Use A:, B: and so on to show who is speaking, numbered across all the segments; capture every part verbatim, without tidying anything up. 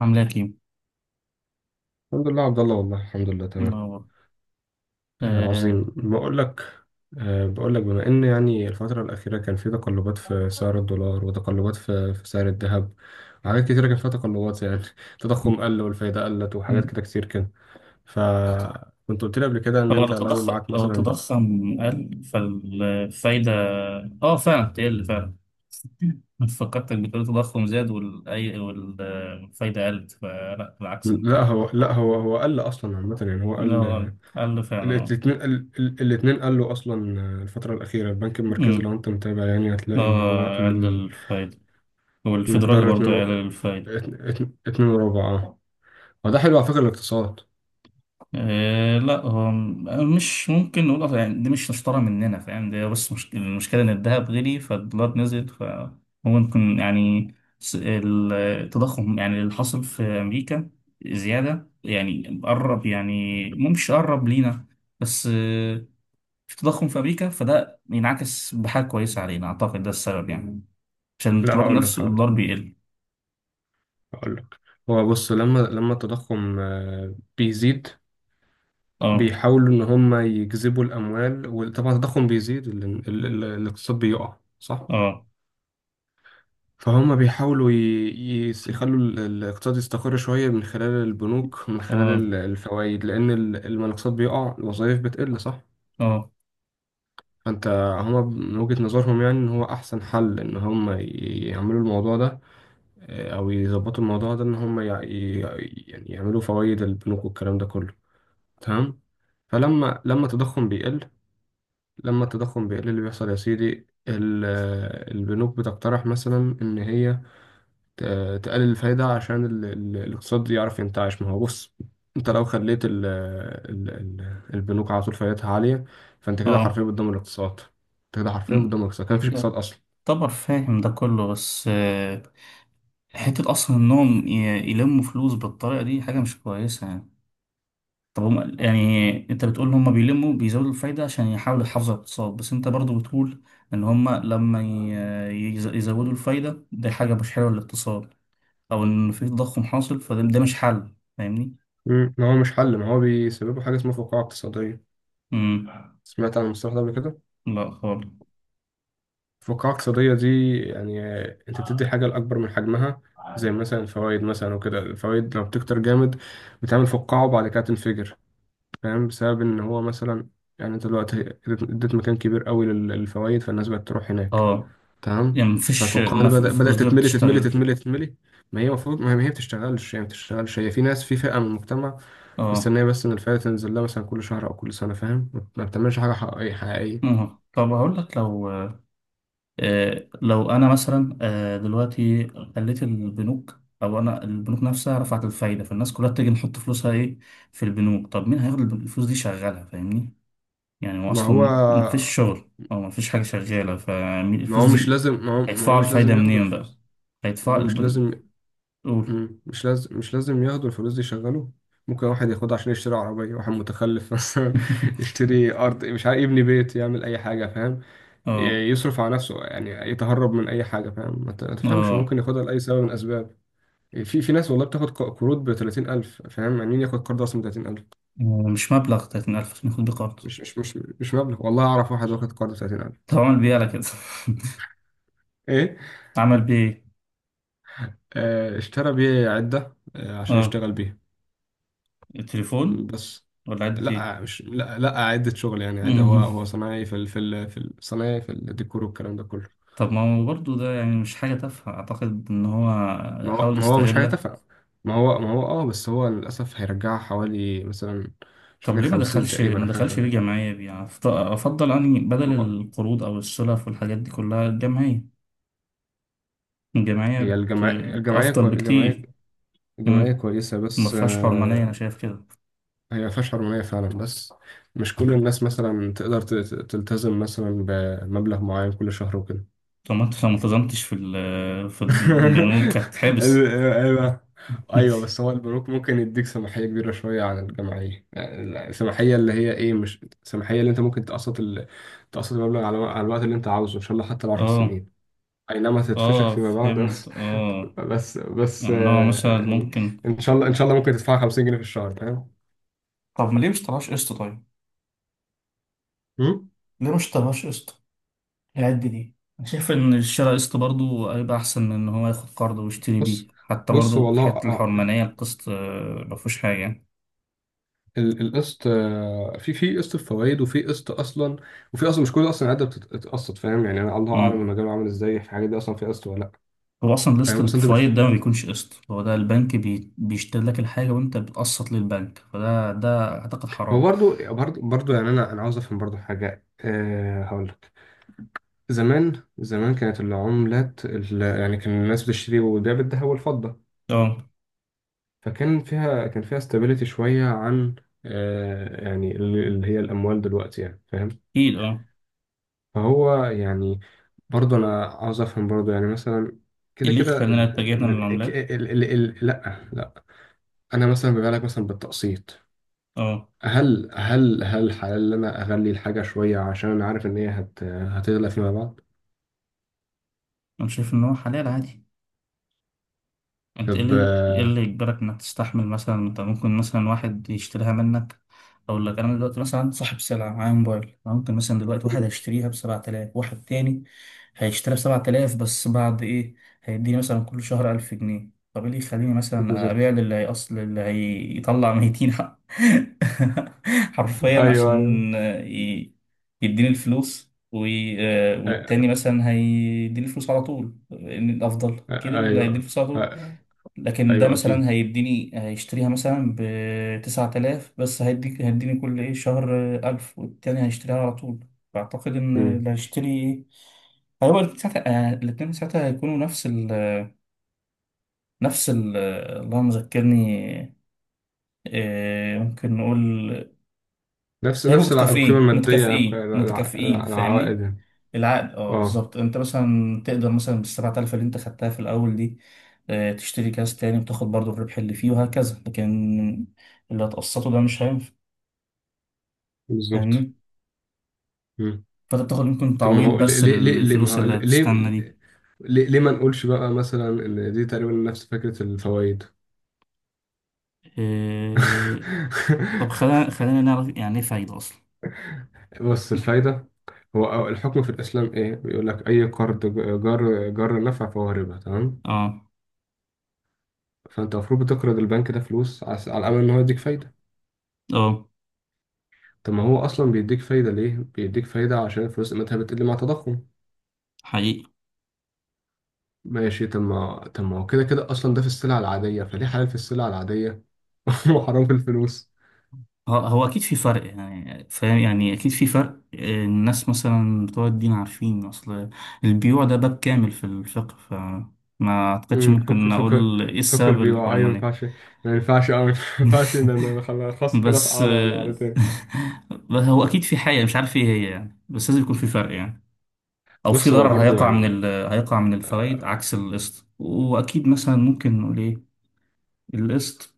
A: عاملة كيمو.
B: الحمد لله، عبد الله، والله الحمد لله، تمام.
A: منور.
B: آه
A: آه.
B: عظيم. بقول لك، آه بقول لك بما ان يعني الفترة الأخيرة كان في تقلبات في سعر الدولار، وتقلبات في في سعر الذهب، وحاجات كتيرة كان فيها تقلبات، يعني التضخم قل والفايدة قلت، وحاجات
A: م-
B: كده كتير كده. فكنت قلت لي قبل كده ان
A: هو لو
B: انت لو
A: تضخم
B: معاك
A: لو
B: مثلا.
A: تضخم قل فالفايدة. اه، فعلا بتقل فعلا. فكرتك بتقول التضخم زاد والأي والفايدة قلت، فلا بالعكس.
B: لا هو لا هو هو قل اصلا عامة، يعني هو قل.
A: هو قل قل فعلا. اه.
B: الاثنين. الاثنين قلوا اصلا. الفترة الأخيرة البنك المركزي
A: أمم،
B: لو انت متابع يعني هتلاقي ان هو
A: اه، قل
B: قل
A: الفايدة. والفيدرالي
B: المقدار
A: برضه
B: اتنين و...
A: قل الفايدة.
B: اتن- اتن- اتنين وربع، اه. هو ده حلو على فكرة الاقتصاد.
A: آه، لا، هو م- مش ممكن نقول أصلاً. يعني دي مش مشترى مننا، فاهم ده. بس مش المشكلة إن الذهب غلي فالدولار نزل، فممكن يعني س- ال- التضخم يعني اللي حصل في أمريكا زيادة، يعني قرب. يعني مو مش قرب لينا. بس آه، في تضخم في أمريكا، فده ينعكس بحاجة كويسة علينا. أعتقد ده السبب يعني، عشان
B: لا،
A: الدولار
B: هقول لك
A: نفسه
B: هقول لك
A: الدولار بيقل.
B: هقول لك. هو بص، لما لما التضخم آه، بيزيد.
A: اه.
B: بيحاولوا ان هم يجذبوا الاموال، وطبعا التضخم بيزيد ال... ال... ال... الاقتصاد بيقع، صح؟
A: اه.
B: فهم بيحاولوا ي... ي- يخلوا ال- الاقتصاد يستقر شوية من خلال البنوك، من
A: اه.
B: خلال الفوائد، لأن ال- لما الاقتصاد بيقع الوظائف بتقل، صح؟
A: اه.
B: فانت، هما من وجهة نظرهم يعني ان هو احسن حل ان هما ي- يعملوا الموضوع ده، آه، او يظبطوا الموضوع ده ان هما يع- ي- يعني يعملوا فوائد البنوك والكلام ده كله. تمام. فلما لما التضخم بيقل، لما التضخم بيقل اللي بيحصل يا سيدي، ال- آه، البنوك بتقترح مثلا ان هي ت- تقلل الفايدة عشان ال- ال- الاقتصاد يعرف ينتعش. ما هو بص، انت لو خليت ال ال ال البنوك على طول فايدتها عالية، فانت كده حرفيا
A: اه.
B: بتدمر الاقتصاد. انت كده حرفيا بتدمر الاقتصاد، كان مفيش اقتصاد اصلا.
A: طبعا فاهم ده كله، بس آه، حتة أصلا إنهم ي- يلموا فلوس بالطريقة دي حاجة مش كويسة يعني. طب هم يعني، أنت بتقول إن هم بيلموا بيزودوا الفايدة عشان يحاولوا يحافظوا على الاقتصاد، بس أنت برضو بتقول إن هم لما ي- يز- يزودوا الفايدة دي حاجة مش حلوة للاقتصاد. أو إن في تضخم حاصل، فده ده مش حل، فاهمني؟
B: مم. ما هو مش حل، ما هو بيسببه حاجة اسمها فقاعة اقتصادية.
A: امم.
B: سمعت عن المصطلح ده قبل كده؟
A: لا خالص.
B: الفقاعة الاقتصادية دي يعني آه، انت بتدي حاجة لأكبر من حجمها، زي مثلا الفوائد مثلا وكده، الفوائد لو بتكتر جامد بتعمل فقاعة وبعد كده تنفجر، فاهم؟ بسبب ان هو مثلا، يعني انت دلوقتي اديت اديت مكان كبير قوي لل- للفوائد، فالناس بقت تروح هناك.
A: اه،
B: تمام.
A: يعني مفيش،
B: فالفقاعة
A: ما
B: دي
A: في
B: بدأ
A: الفلوس
B: بدأت
A: دي
B: تتملي تتملي
A: بتشتغل.
B: تتملي تتملي. ما هي المفروض ما هي بتشتغلش، هي ما بتشتغلش، هي في ناس، في فئة من المجتمع
A: اه.
B: مستنية بس ان الفائدة تنزل لها مثلا كل شهر او كل سنة، فاهم؟ ما بتعملش حاجة حقيقية حقيقية.
A: آه. طب هقول لك لو آه، لو انا مثلا آه، دلوقتي خليت البنوك، او انا البنوك نفسها رفعت الفايده، فالناس كلها تيجي نحط فلوسها ايه في البنوك. طب مين هياخد الفلوس دي يشغلها، فاهمني؟ يعني هو
B: ما هو
A: اصلا مفيش شغل او مفيش حاجه شغاله
B: ما
A: فالفلوس
B: هو مش
A: دي.
B: لازم ما هو, ما هو
A: هيدفعوا
B: مش
A: الفايده
B: لازم ياخدوا
A: منين بقى؟
B: الفلوس. ما
A: هيدفعوا
B: هو مش
A: البن...
B: لازم.
A: قول.
B: مم. مش لازم مش لازم ياخدوا الفلوس دي يشغلوا. ممكن واحد ياخدها عشان يشتري عربية، واحد متخلف مثلا، يشتري أرض، مش عارف يبني بيت، يعمل أي حاجة، فاهم؟
A: اه.
B: ي- يصرف على نفسه، يعني يتهرب من أي حاجة، فاهم؟ ما ت- ما تفهمش، هو
A: اه.
B: ممكن ياخدها لأي سبب من الأسباب. في في ناس والله بتاخد ق- قروض ب تلاتين ألف، فاهم؟ يعني مين ياخد قرض أصلا ب تلاتين ألف؟
A: مش مبلغ ثلاثين ألف عشان ياخد بيه قرض.
B: مش مش مش مش مبلغ. والله أعرف واحد واخد قرض ب تلاتين ألف.
A: طب عمل بيه على كده؟
B: إيه؟
A: عمل بيه ايه؟
B: آه، اشترى بيه عدة، آه، عشان
A: اه.
B: يشتغل بيها. مم،
A: التليفون
B: بس.
A: ولا عدت ايه؟
B: لا، مش، لا لا، عدة شغل يعني عادي، هو هو صنايعي في ال... في ال... في ال- صنايعي في الديكور والكلام ده كله.
A: طب ما هو برضه ده يعني مش حاجة تافهة، أعتقد إن هو
B: ما هو
A: حاول
B: ما هو مش حاجة
A: يستغلها.
B: تافهة. ما هو ما هو، اه، بس هو للأسف هيرجعها حوالي مثلا، مش
A: طب
B: فاكر،
A: ليه ما
B: خمسين
A: دخلش
B: تقريبا
A: ما
B: أو حاجة
A: دخلش
B: شبه
A: ليه
B: كده.
A: جمعية بيه؟ يعني أفط- أفضل أني بدل
B: هو،
A: القروض أو السلف والحاجات دي كلها الجمعية. الجمعية
B: هي
A: بت...
B: الجمعية الجمعية
A: أفضل
B: كو... الجمعية
A: بكتير.
B: الجمعية
A: مم.
B: كويسة
A: ما
B: بس
A: فيهاش حرمانية، أنا
B: آه،
A: شايف كده.
B: هي ما فيهاش حرمانية فعلا، بس مش كل الناس مثلا تقدر ت- ت- تلتزم مثلا بمبلغ معين كل شهر وكده.
A: طب ما أنت لو ما التزمتش في ال... في البنوك هتتحبس.
B: ايوه، ايوه، بس هو البنوك ممكن يديك سماحيه كبيره شويه عن الجمعيه، يعني السماحيه اللي هي ايه، مش السماحيه اللي انت ممكن تقسط ال... تقسط المبلغ على... على الوقت اللي انت عاوزه، ان شاء الله حتى العشر
A: اه.
B: سنين. اي نعم هتتفشخ
A: اه،
B: فيما بعد،
A: فهمت.
B: بس
A: اه.
B: بس بس
A: يعني إن هو مثلا
B: آه، يعني،
A: ممكن.
B: ان شاء الله، ان شاء الله ممكن تدفع خمسين جنيه في الشهر، فاهم؟
A: طب ما ليه مش طلعش قسط طيب؟
B: مم؟
A: ليه مش طلعش قسط؟ هيأدي ليه؟ أنا شايف إن الشراء قسط برضه هيبقى أحسن من إن هو ياخد قرض ويشتري بيه،
B: بص،
A: حتى
B: بص
A: برضه في حتة
B: والله
A: الحرمانية، القسط آه، مفهوش حاجة يعني.
B: ال- القسط، آه، في في قسط الفوائد وفي قسط اصلا، وفي اصلا مش كل اصلا قاعده بتتقسط، فاهم؟ يعني انا الله اعلم
A: مم.
B: المجال عامل ازاي في الحاجات دي، اصلا في قسط ولا لا.
A: هو أصلا
B: فاهم
A: القسط اللي
B: اصلا انت بتش...
A: بفوايد ده ما بيكونش قسط، هو ده البنك بي... بيشتري لك الحاجة وأنت بتقسط للبنك، فده ده أعتقد
B: هو
A: حرام.
B: برضو برضو برضو يعني، انا انا عاوز افهم برضو حاجه، أه هقول لك. زمان زمان كانت العملات ال... يعني كان الناس بتشتري وتبيع بالذهب والفضه،
A: أه،
B: فكان فيها، كان فيها استابيليتي شويه عن أه، يعني ال- اللي هي الاموال دلوقتي، يعني فاهم.
A: أكيد. أه.
B: فهو يعني، برضه انا عاوز افهم برضه يعني مثلا،
A: إيه
B: كده
A: اللي
B: كده
A: يخلينا
B: ال
A: اتجاهنا
B: ال ال
A: للعملات؟
B: ال ال ال لا لا، انا مثلا بيبقى لك مثلا بالتقسيط.
A: أه،
B: هل هل هل حلال ان انا اغلي الحاجه شويه عشان انا عارف ان هي هت هتغلى فيما بعد؟
A: أنا شايف إن هو حلال عادي. انت ايه
B: طب.
A: اللي ايه اللي يجبرك انك تستحمل مثلا؟ انت ممكن مثلا واحد يشتريها منك. اقول لك، انا دلوقتي مثلا صاحب سلعه، معايا موبايل. أنا ممكن مثلا دلوقتي واحد هيشتريها ب سبعة آلاف، واحد تاني هيشتريها ب سبعة آلاف بس بعد ايه، هيديني مثلا كل شهر ألف جنيه. طب ايه اللي يخليني مثلا
B: بالظبط.
A: ابيع للي هيأصل اللي هيطلع ميتين حق- حرفيا،
B: ايوه ايوه.
A: عشان ي- يديني الفلوس، وي- والتاني
B: أ-
A: مثلا هيديني الفلوس على طول. إن الافضل
B: أ-
A: اكيد اللي هيديني
B: ايوه.
A: الفلوس على طول.
B: أ-
A: لكن ده
B: ايوه اكيد.
A: مثلا هيديني هيشتريها مثلا بتسعة آلاف، بس هيديك هيديني كل إيه شهر ألف، والتاني هيشتريها على طول. فأعتقد إن
B: مم.
A: اللي هيشتري إيه هو ساعتها، آه، الاتنين ساعتها هيكونوا نفس ال، نفس ال اللهم ذكرني. آه، ممكن نقول
B: نفس
A: هيبقوا
B: نفس الع- القيمه
A: متكافئين
B: الماديه،
A: متكافئين
B: الع-
A: متكافئين،
B: الع-
A: فاهمني؟
B: العوائد.
A: العقد. اه،
B: اه،
A: بالظبط. انت مثلا تقدر مثلا بالسبعة آلاف اللي انت خدتها في الاول دي آه، تشتري كاس تاني، وتاخد برضو الربح اللي فيه وهكذا. لكن اللي هتقسطه ده مش هينفع،
B: بالظبط.
A: فاهمني؟ فانت بتاخد يمكن
B: طب ما
A: تعويض
B: هو ليه
A: بس
B: ليه ليه ليه- ما
A: للفلوس
B: هو
A: اللي
B: ليه،
A: هتستنى دي.
B: ليه, ليه ما نقولش بقى مثلا ان دي تقريبا نفس فكرة الفوائد؟
A: آه، طب خلينا خلينا نعرف يعني ايه فايدة اصلا.
B: بص الفايدة، هو أو- الحكم في الإسلام إيه؟ بيقول لك أي قرض ج- جر جر نفع فهو ربا، تمام؟
A: اه.
B: فأنت المفروض بتقرض البنك ده فلوس عس- على أمل إن هو يديك فايدة.
A: اه.
B: طب ما هو أصلا بيديك فايدة ليه؟ بيديك فايدة عشان الفلوس قيمتها بتقل مع التضخم.
A: حقيقي.
B: ماشي، طب ما طب ما هو كده كده أصلا، ده في السلع العادية، فليه حلال في السلع العادية وحرام في الفلوس؟
A: هو هو اكيد في فرق يعني، فاهم؟ يعني اكيد في فرق. آه، الناس مثلا بتوع الدين عارفين. اصل البيوع ده باب كامل في الفقه، فما اعتقدش
B: امم، فك
A: ممكن
B: فك
A: اقول ايه
B: فك
A: السبب
B: بيبقى اي ما
A: الحرمانية.
B: ينفعش، ما ينفعش، أو ما ينفعش ان انا خلاص، خلاص كده في
A: بس
B: قعده ولا
A: آه،
B: قعدتين.
A: بس هو اكيد في حاجة مش عارف ايه هي يعني، بس لازم يكون في فرق يعني، او في
B: بص، هو
A: ضرر
B: برضو
A: هيقع من
B: يعني،
A: ال... هيقع من الفوائد عكس القسط. واكيد مثلا ممكن نقول ايه القسط.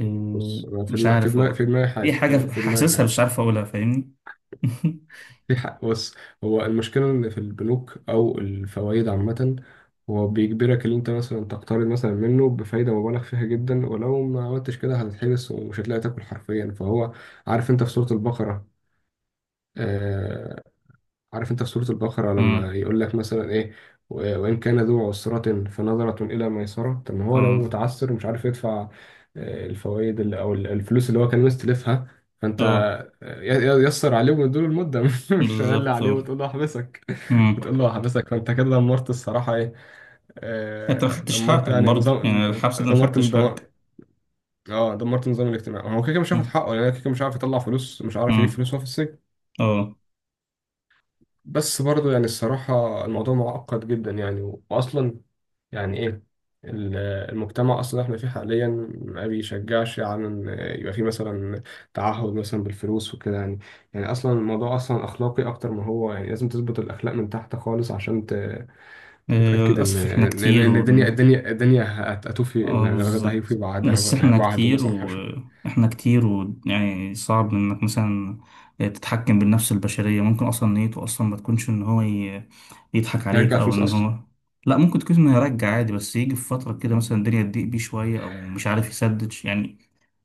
A: آه،
B: بص أنا في
A: مش
B: دماغي، في
A: عارف
B: دماغي
A: والله.
B: في دماغي
A: دي
B: حاجه، في
A: حاجة
B: في دماغي
A: حاسسها
B: حاجه،
A: مش عارف اقولها، فاهمني؟
B: في حق. بص، هو المشكله ان في البنوك او الفوائد عامه، هو بيجبرك ان انت مثلا تقترض مثلا منه بفايده مبالغ فيها جدا، ولو ما عملتش كده هتتحبس ومش هتلاقي تاكل حرفيا. فهو، عارف انت في سوره البقره، آه، عارف انت في سورة البقرة
A: امم.
B: لما يقول لك مثلا ايه، و- وإن كان ذو عسرة فنظرة إلى ميسرة. طب ما هو لو
A: اه.
B: متعسر ومش عارف يدفع آه، الفوائد اللي- أو ال- الفلوس اللي هو كان مستلفها، فأنت
A: اه،
B: آه، ي- ي- يسر عليه ومديله المدة، مش غالي
A: بالظبط.
B: عليه،
A: اه.
B: وتقول له أحبسك،
A: امم.
B: وتقول له أحبسك، فأنت كده دمرت الصراحة ايه،
A: انت ما
B: آه،
A: خدتش
B: دمرت
A: حقك
B: يعني
A: برضه
B: نظام،
A: يعني، الحبس ده ما
B: دمرت
A: خدتش حقك.
B: دمرت، اه، دمرت النظام الاجتماعي. هو كده كده مش هياخد
A: امم.
B: حقه، لان يعني كده كده مش عارف يطلع فلوس، مش عارف
A: امم.
B: يجيب فلوس وهو في السجن.
A: اه.
B: بس برضو يعني الصراحة الموضوع معقد جدا يعني، و- وأصلا يعني إيه ال- المجتمع أصلا إحنا فيه حاليا ما بيشجعش على إن يبقى فيه مثلا تعهد مثلا بالفلوس وكده يعني. يعني أصلا الموضوع أصلا أخلاقي أكتر ما هو، يعني لازم تظبط الأخلاق من تحت خالص عشان ت-
A: آه،
B: تتأكد إن
A: للأسف احنا
B: إن
A: كتير
B: إن الدنيا
A: ون...
B: الدنيا الدنيا هت- هتوفي،
A: اه،
B: يعني الراجل ده هيوفي
A: بالظبط.
B: بعدها،
A: بس احنا
B: بعده
A: كتير
B: مثلا حاجة،
A: واحنا كتير، ويعني صعب انك مثلا آه، تتحكم بالنفس البشرية. ممكن اصلا نيته اصلا ما تكونش ان هو ي- يضحك عليك
B: هيرجع
A: او
B: فلوس
A: ان
B: أصلا.
A: هو. لا، ممكن تكون انه يرجع عادي، بس يجي في فترة كده مثلا الدنيا تضيق بيه شوية او مش عارف يسدد يعني.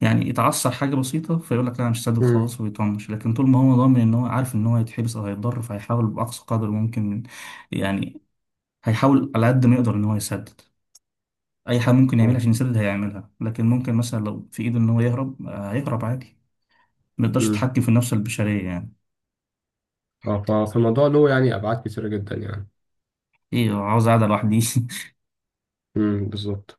A: يعني يتعثر حاجة بسيطة فيقول لك، لا أنا مش سدد
B: امم،
A: خلاص، ويطنش. لكن طول ما هو ضامن ان هو عارف ان هو هيتحبس او هيتضر، فهيحاول باقصى قدر ممكن يعني، هيحاول على قد ما يقدر ان هو يسدد. اي حاجه ممكن يعملها
B: اه،
A: عشان يسدد هيعملها. لكن ممكن مثلا لو في ايده ان هو يهرب آه، هيهرب عادي. ما يقدرش
B: امم،
A: يتحكم في النفس البشريه يعني.
B: اه. ف- فالموضوع له يعني أبعاد كتيرة جدا يعني.
A: ايه، هو عاوز قاعده لوحدي؟
B: امم، بالظبط.